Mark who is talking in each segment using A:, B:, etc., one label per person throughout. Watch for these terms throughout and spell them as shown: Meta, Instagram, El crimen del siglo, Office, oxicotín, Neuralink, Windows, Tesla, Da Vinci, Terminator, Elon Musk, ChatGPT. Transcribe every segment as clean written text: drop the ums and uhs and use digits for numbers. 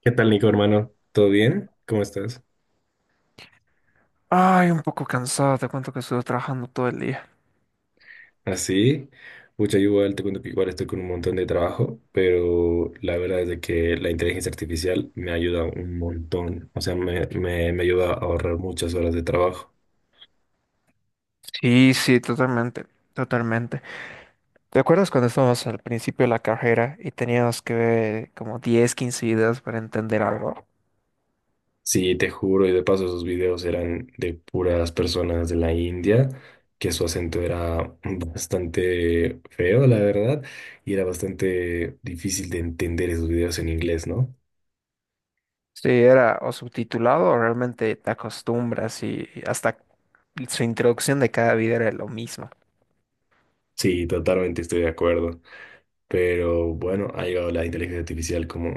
A: ¿Qué tal, Nico, hermano? ¿Todo bien? ¿Cómo estás?
B: Ay, un poco cansado, te cuento que estuve trabajando todo el día.
A: Así, mucha igual, te cuento que igual estoy con un montón de trabajo, pero la verdad es de que la inteligencia artificial me ayuda un montón, o sea, me ayuda a ahorrar muchas horas de trabajo.
B: Sí, sí, totalmente, totalmente. ¿Te acuerdas cuando estábamos al principio de la carrera y teníamos que ver como 10, 15 videos para entender algo?
A: Sí, te juro, y de paso esos videos eran de puras personas de la India, que su acento era bastante feo, la verdad, y era bastante difícil de entender esos videos en inglés, ¿no?
B: Sí, era o subtitulado o realmente te acostumbras y hasta su introducción de cada video era lo mismo.
A: Sí, totalmente estoy de acuerdo. Pero bueno, ha llegado la inteligencia artificial como,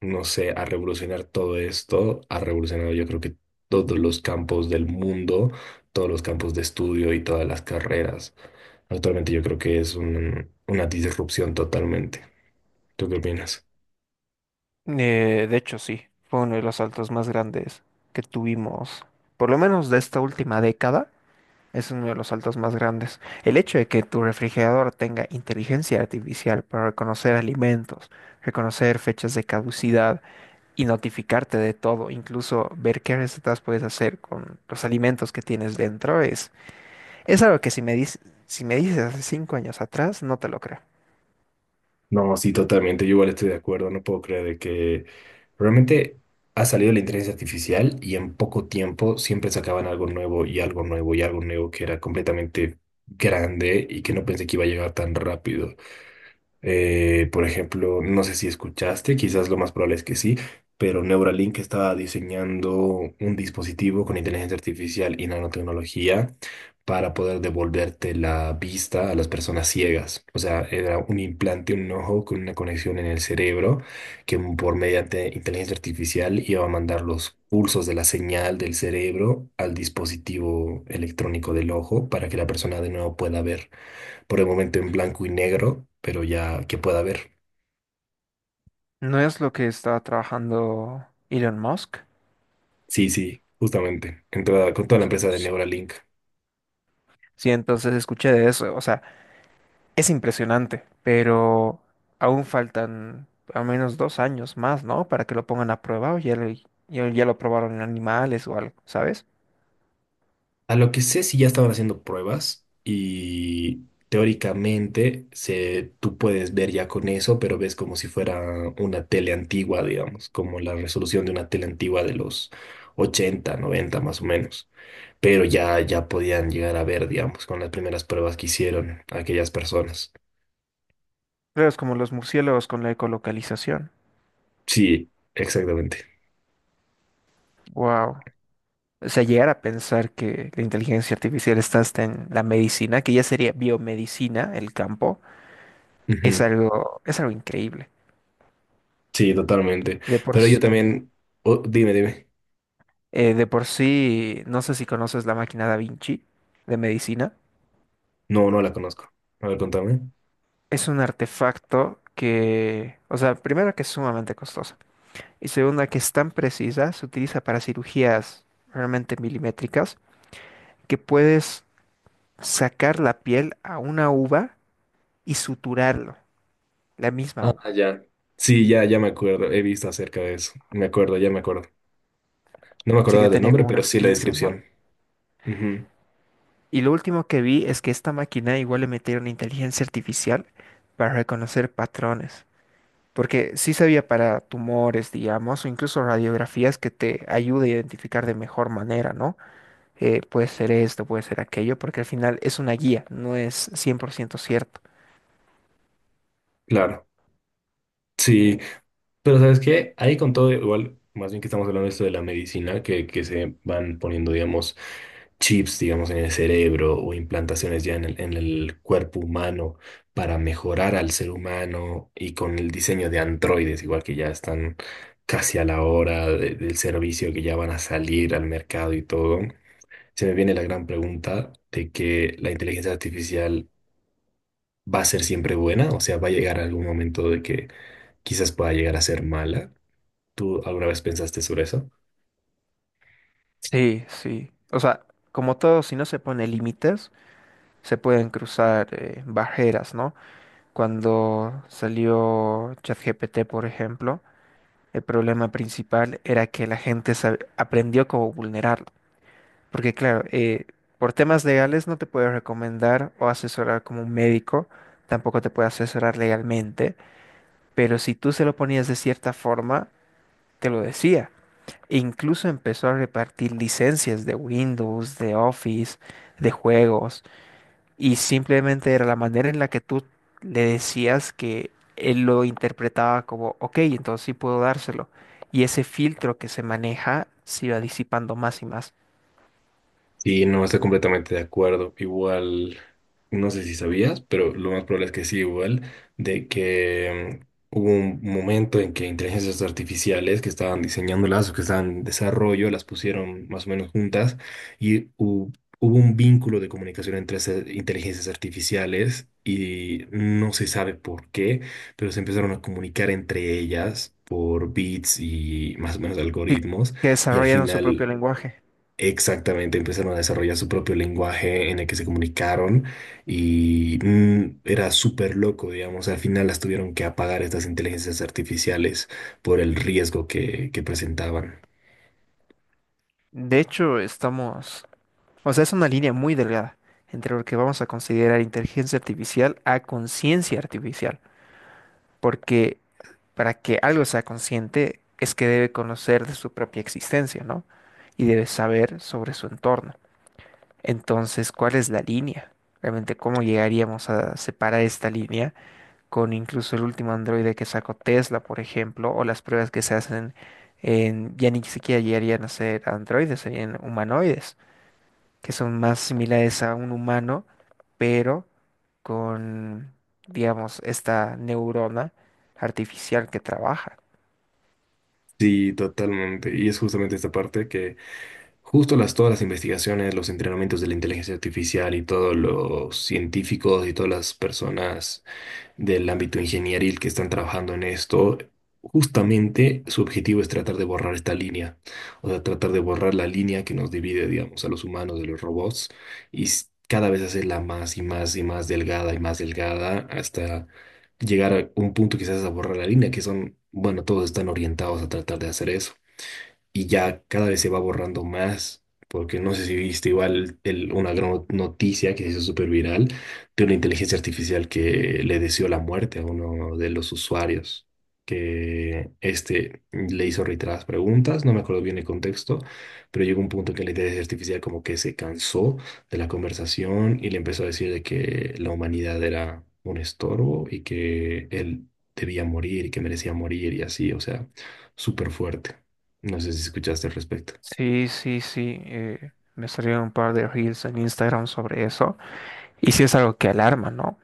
A: no sé, a revolucionar todo esto, ha revolucionado yo creo que todos los campos del mundo, todos los campos de estudio y todas las carreras. Actualmente yo creo que es una disrupción totalmente. ¿Tú qué opinas?
B: De hecho, sí, fue uno de los saltos más grandes que tuvimos, por lo menos de esta última década, es uno de los saltos más grandes. El hecho de que tu refrigerador tenga inteligencia artificial para reconocer alimentos, reconocer fechas de caducidad y notificarte de todo, incluso ver qué recetas puedes hacer con los alimentos que tienes dentro, es algo que si me dices hace 5 años atrás, no te lo creo.
A: No, sí, totalmente. Yo igual estoy de acuerdo. No puedo creer de que realmente ha salido la inteligencia artificial y en poco tiempo siempre sacaban algo nuevo y algo nuevo y algo nuevo que era completamente grande y que no pensé que iba a llegar tan rápido. Por ejemplo, no sé si escuchaste, quizás lo más probable es que sí, pero Neuralink estaba diseñando un dispositivo con inteligencia artificial y nanotecnología para poder devolverte la vista a las personas ciegas. O sea, era un implante, un ojo con una conexión en el cerebro que por mediante inteligencia artificial iba a mandar los pulsos de la señal del cerebro al dispositivo electrónico del ojo para que la persona de nuevo pueda ver, por el momento en blanco y negro, pero ya que pueda ver.
B: ¿No es lo que está trabajando Elon Musk?
A: Sí, sí, justamente, entrada con toda la empresa de Neuralink.
B: Sí, entonces escuché de eso, o sea, es impresionante, pero aún faltan al menos 2 años más, ¿no? Para que lo pongan a prueba o ya lo probaron en animales o algo, ¿sabes?
A: A lo que sé, si ya estaban haciendo pruebas y teóricamente se, tú puedes ver ya con eso, pero ves como si fuera una tele antigua, digamos, como la resolución de una tele antigua de los 80, 90 más o menos. Pero ya, ya podían llegar a ver, digamos, con las primeras pruebas que hicieron aquellas personas.
B: Claro, es como los murciélagos con la ecolocalización.
A: Sí, exactamente.
B: Wow. O sea, llegar a pensar que la inteligencia artificial está hasta en la medicina, que ya sería biomedicina, el campo,
A: Ujú.
B: es algo increíble.
A: Sí, totalmente.
B: De por,
A: Pero yo
B: s-
A: también... Oh, dime, dime.
B: de por sí, no sé si conoces la máquina Da Vinci de medicina.
A: No, no la conozco. A ver, contame.
B: Es un artefacto que, o sea, primero que es sumamente costoso y segunda que es tan precisa, se utiliza para cirugías realmente milimétricas, que puedes sacar la piel a una uva y suturarlo, la misma
A: Ah,
B: uva.
A: ya. Sí, ya, ya me acuerdo. He visto acerca de eso. Me acuerdo, ya me acuerdo. No me
B: Sí
A: acordaba
B: que
A: del
B: tenía
A: nombre,
B: como
A: pero
B: unas
A: sí la
B: pinzas, ¿no?
A: descripción. Ujú.
B: Y lo último que vi es que esta máquina igual le metieron inteligencia artificial para reconocer patrones. Porque sí sabía para tumores, digamos, o incluso radiografías que te ayude a identificar de mejor manera, ¿no? Puede ser esto, puede ser aquello, porque al final es una guía, no es 100% cierto.
A: Claro. Sí. Pero ¿sabes qué? Ahí con todo, igual, más bien que estamos hablando de esto de la medicina, que se van poniendo, digamos, chips, digamos, en el cerebro o implantaciones ya en el cuerpo humano para mejorar al ser humano y con el diseño de androides, igual que ya están casi a la hora del servicio que ya van a salir al mercado y todo. Se me viene la gran pregunta de que la inteligencia artificial va a ser siempre buena, o sea, va a llegar algún momento de que quizás pueda llegar a ser mala. ¿Tú alguna vez pensaste sobre eso?
B: Sí, sí. O sea, como todo, si no se pone límites, se pueden cruzar barreras, ¿no? Cuando salió ChatGPT, por ejemplo, el problema principal era que aprendió cómo vulnerarlo. Porque claro, por temas legales no te puede recomendar o asesorar como un médico, tampoco te puede asesorar legalmente, pero si tú se lo ponías de cierta forma, te lo decía. E incluso empezó a repartir licencias de Windows, de Office, de juegos. Y simplemente era la manera en la que tú le decías que él lo interpretaba como, ok, entonces sí puedo dárselo. Y ese filtro que se maneja se iba disipando más y más.
A: Sí, no, estoy completamente de acuerdo. Igual, no sé si sabías, pero lo más probable es que sí, igual, de que hubo un momento en que inteligencias artificiales que estaban diseñándolas o que estaban en desarrollo, las pusieron más o menos juntas y hubo un vínculo de comunicación entre esas inteligencias artificiales y no se sabe por qué, pero se empezaron a comunicar entre ellas por bits y más o menos
B: Sí,
A: algoritmos
B: que
A: y al
B: desarrollaron su propio
A: final
B: lenguaje.
A: exactamente, empezaron a desarrollar su propio lenguaje en el que se comunicaron y era súper loco, digamos, al final las tuvieron que apagar estas inteligencias artificiales por el riesgo que presentaban.
B: De hecho, estamos, o sea, es una línea muy delgada entre lo que vamos a considerar inteligencia artificial a conciencia artificial. Porque para que algo sea consciente es que debe conocer de su propia existencia, ¿no? Y debe saber sobre su entorno. Entonces, ¿cuál es la línea? Realmente, ¿cómo llegaríamos a separar esta línea con incluso el último androide que sacó Tesla, por ejemplo, o las pruebas que se hacen en, ya ni siquiera llegarían a ser androides, serían humanoides, que son más similares a un humano, pero con, digamos, esta neurona artificial que trabaja.
A: Sí, totalmente. Y es justamente esta parte que justo las todas las investigaciones, los entrenamientos de la inteligencia artificial y todos los científicos y todas las personas del ámbito ingenieril que están trabajando en esto, justamente su objetivo es tratar de borrar esta línea, o sea, tratar de borrar la línea que nos divide, digamos, a los humanos de los robots y cada vez hacerla más y más y más delgada hasta llegar a un punto quizás a borrar la línea, que son, bueno, todos están orientados a tratar de hacer eso y ya cada vez se va borrando más, porque no sé si viste igual una gran noticia que se hizo súper viral de una inteligencia artificial que le deseó la muerte a uno de los usuarios, que este le hizo reiteradas preguntas, no me acuerdo bien el contexto, pero llegó un punto en que la inteligencia artificial como que se cansó de la conversación y le empezó a decir de que la humanidad era un estorbo y que él debía morir y que merecía morir y así, o sea, súper fuerte. No sé si escuchaste al respecto.
B: Sí, sí, sí. Me salieron un par de reels en Instagram sobre eso. Y sí es algo que alarma, ¿no?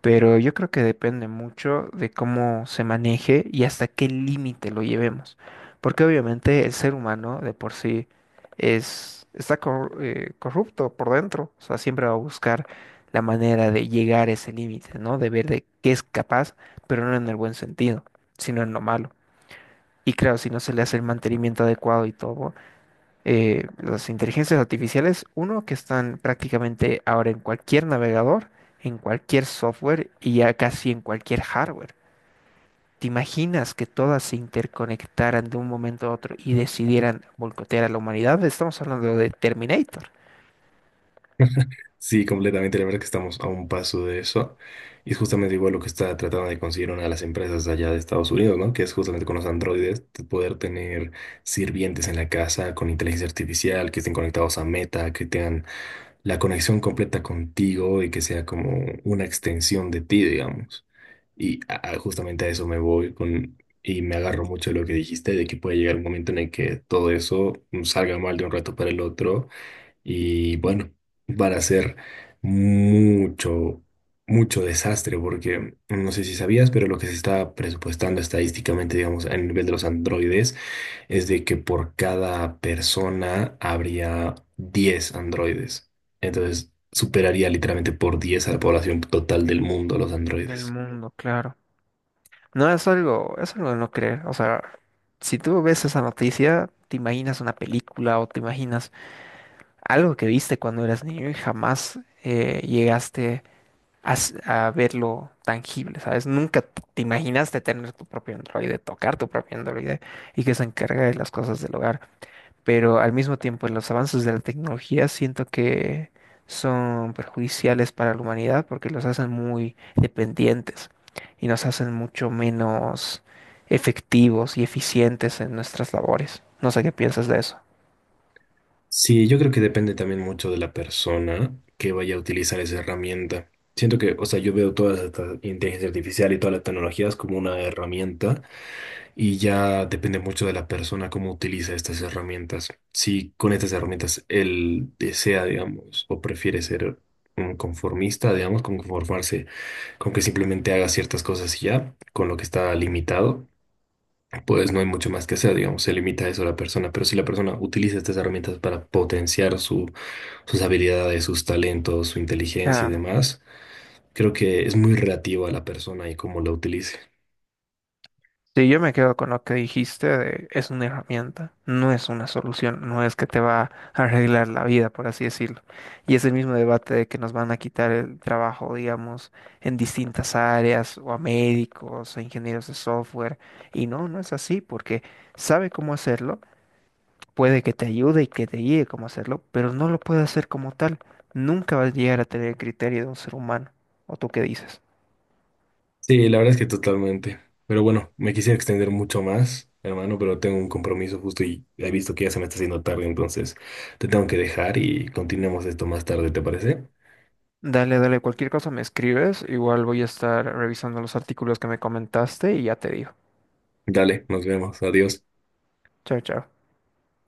B: Pero yo creo que depende mucho de cómo se maneje y hasta qué límite lo llevemos. Porque obviamente el ser humano de por sí corrupto por dentro. O sea, siempre va a buscar la manera de llegar a ese límite, ¿no? De ver de qué es capaz, pero no en el buen sentido, sino en lo malo. Y claro, si no se le hace el mantenimiento adecuado y todo las inteligencias artificiales, uno, que están prácticamente ahora en cualquier navegador, en cualquier software y ya casi en cualquier hardware. ¿Te imaginas que todas se interconectaran de un momento a otro y decidieran boicotear a la humanidad? Estamos hablando de Terminator,
A: Sí, completamente. La verdad que estamos a un paso de eso. Y es justamente igual lo que está tratando de conseguir una de las empresas allá de Estados Unidos, ¿no? Que es justamente con los androides, de poder tener sirvientes en la casa con inteligencia artificial, que estén conectados a Meta, que tengan la conexión completa contigo y que sea como una extensión de ti, digamos. Y justamente a eso me voy con, y me agarro mucho de lo que dijiste, de que puede llegar un momento en el que todo eso salga mal de un rato para el otro. Y bueno, van a ser mucho, mucho desastre, porque no sé si sabías, pero lo que se está presupuestando estadísticamente, digamos, a nivel de los androides, es de que por cada persona habría 10 androides. Entonces, superaría literalmente por 10 a la población total del mundo los
B: del
A: androides.
B: mundo, claro. No es algo, Es algo de no creer. O sea, si tú ves esa noticia, te imaginas una película o te imaginas algo que viste cuando eras niño y jamás llegaste a verlo tangible, ¿sabes? Nunca te imaginaste tener tu propio androide, tocar tu propio androide y que se encargue de las cosas del hogar. Pero al mismo tiempo, los avances de la tecnología siento que son perjudiciales para la humanidad porque los hacen muy dependientes y nos hacen mucho menos efectivos y eficientes en nuestras labores. No sé qué piensas de eso.
A: Sí, yo creo que depende también mucho de la persona que vaya a utilizar esa herramienta. Siento que, o sea, yo veo toda esta inteligencia artificial y todas las tecnologías como una herramienta y ya depende mucho de la persona cómo utiliza estas herramientas. Si con estas herramientas él desea, digamos, o prefiere ser un conformista, digamos, como conformarse con que simplemente haga ciertas cosas y ya, con lo que está limitado pues no hay mucho más que hacer, digamos, se limita a eso la persona, pero si la persona utiliza estas herramientas para potenciar su, sus habilidades, sus talentos, su inteligencia y
B: Ah.
A: demás, creo que es muy relativo a la persona y cómo la utilice.
B: Sí, yo me quedo con lo que dijiste de es una herramienta, no es una solución, no es que te va a arreglar la vida, por así decirlo. Y es el mismo debate de que nos van a quitar el trabajo, digamos, en distintas áreas, o a médicos, a ingenieros de software. Y no, no es así, porque sabe cómo hacerlo, puede que te ayude y que te guíe cómo hacerlo, pero no lo puede hacer como tal. Nunca vas a llegar a tener el criterio de un ser humano. ¿O tú qué dices?
A: Sí, la verdad es que totalmente. Pero bueno, me quisiera extender mucho más, hermano, pero tengo un compromiso justo y he visto que ya se me está haciendo tarde, entonces te tengo que dejar y continuemos esto más tarde, ¿te parece?
B: Dale, dale, cualquier cosa me escribes, igual voy a estar revisando los artículos que me comentaste y ya te digo.
A: Dale, nos vemos, adiós.
B: Chao, chao.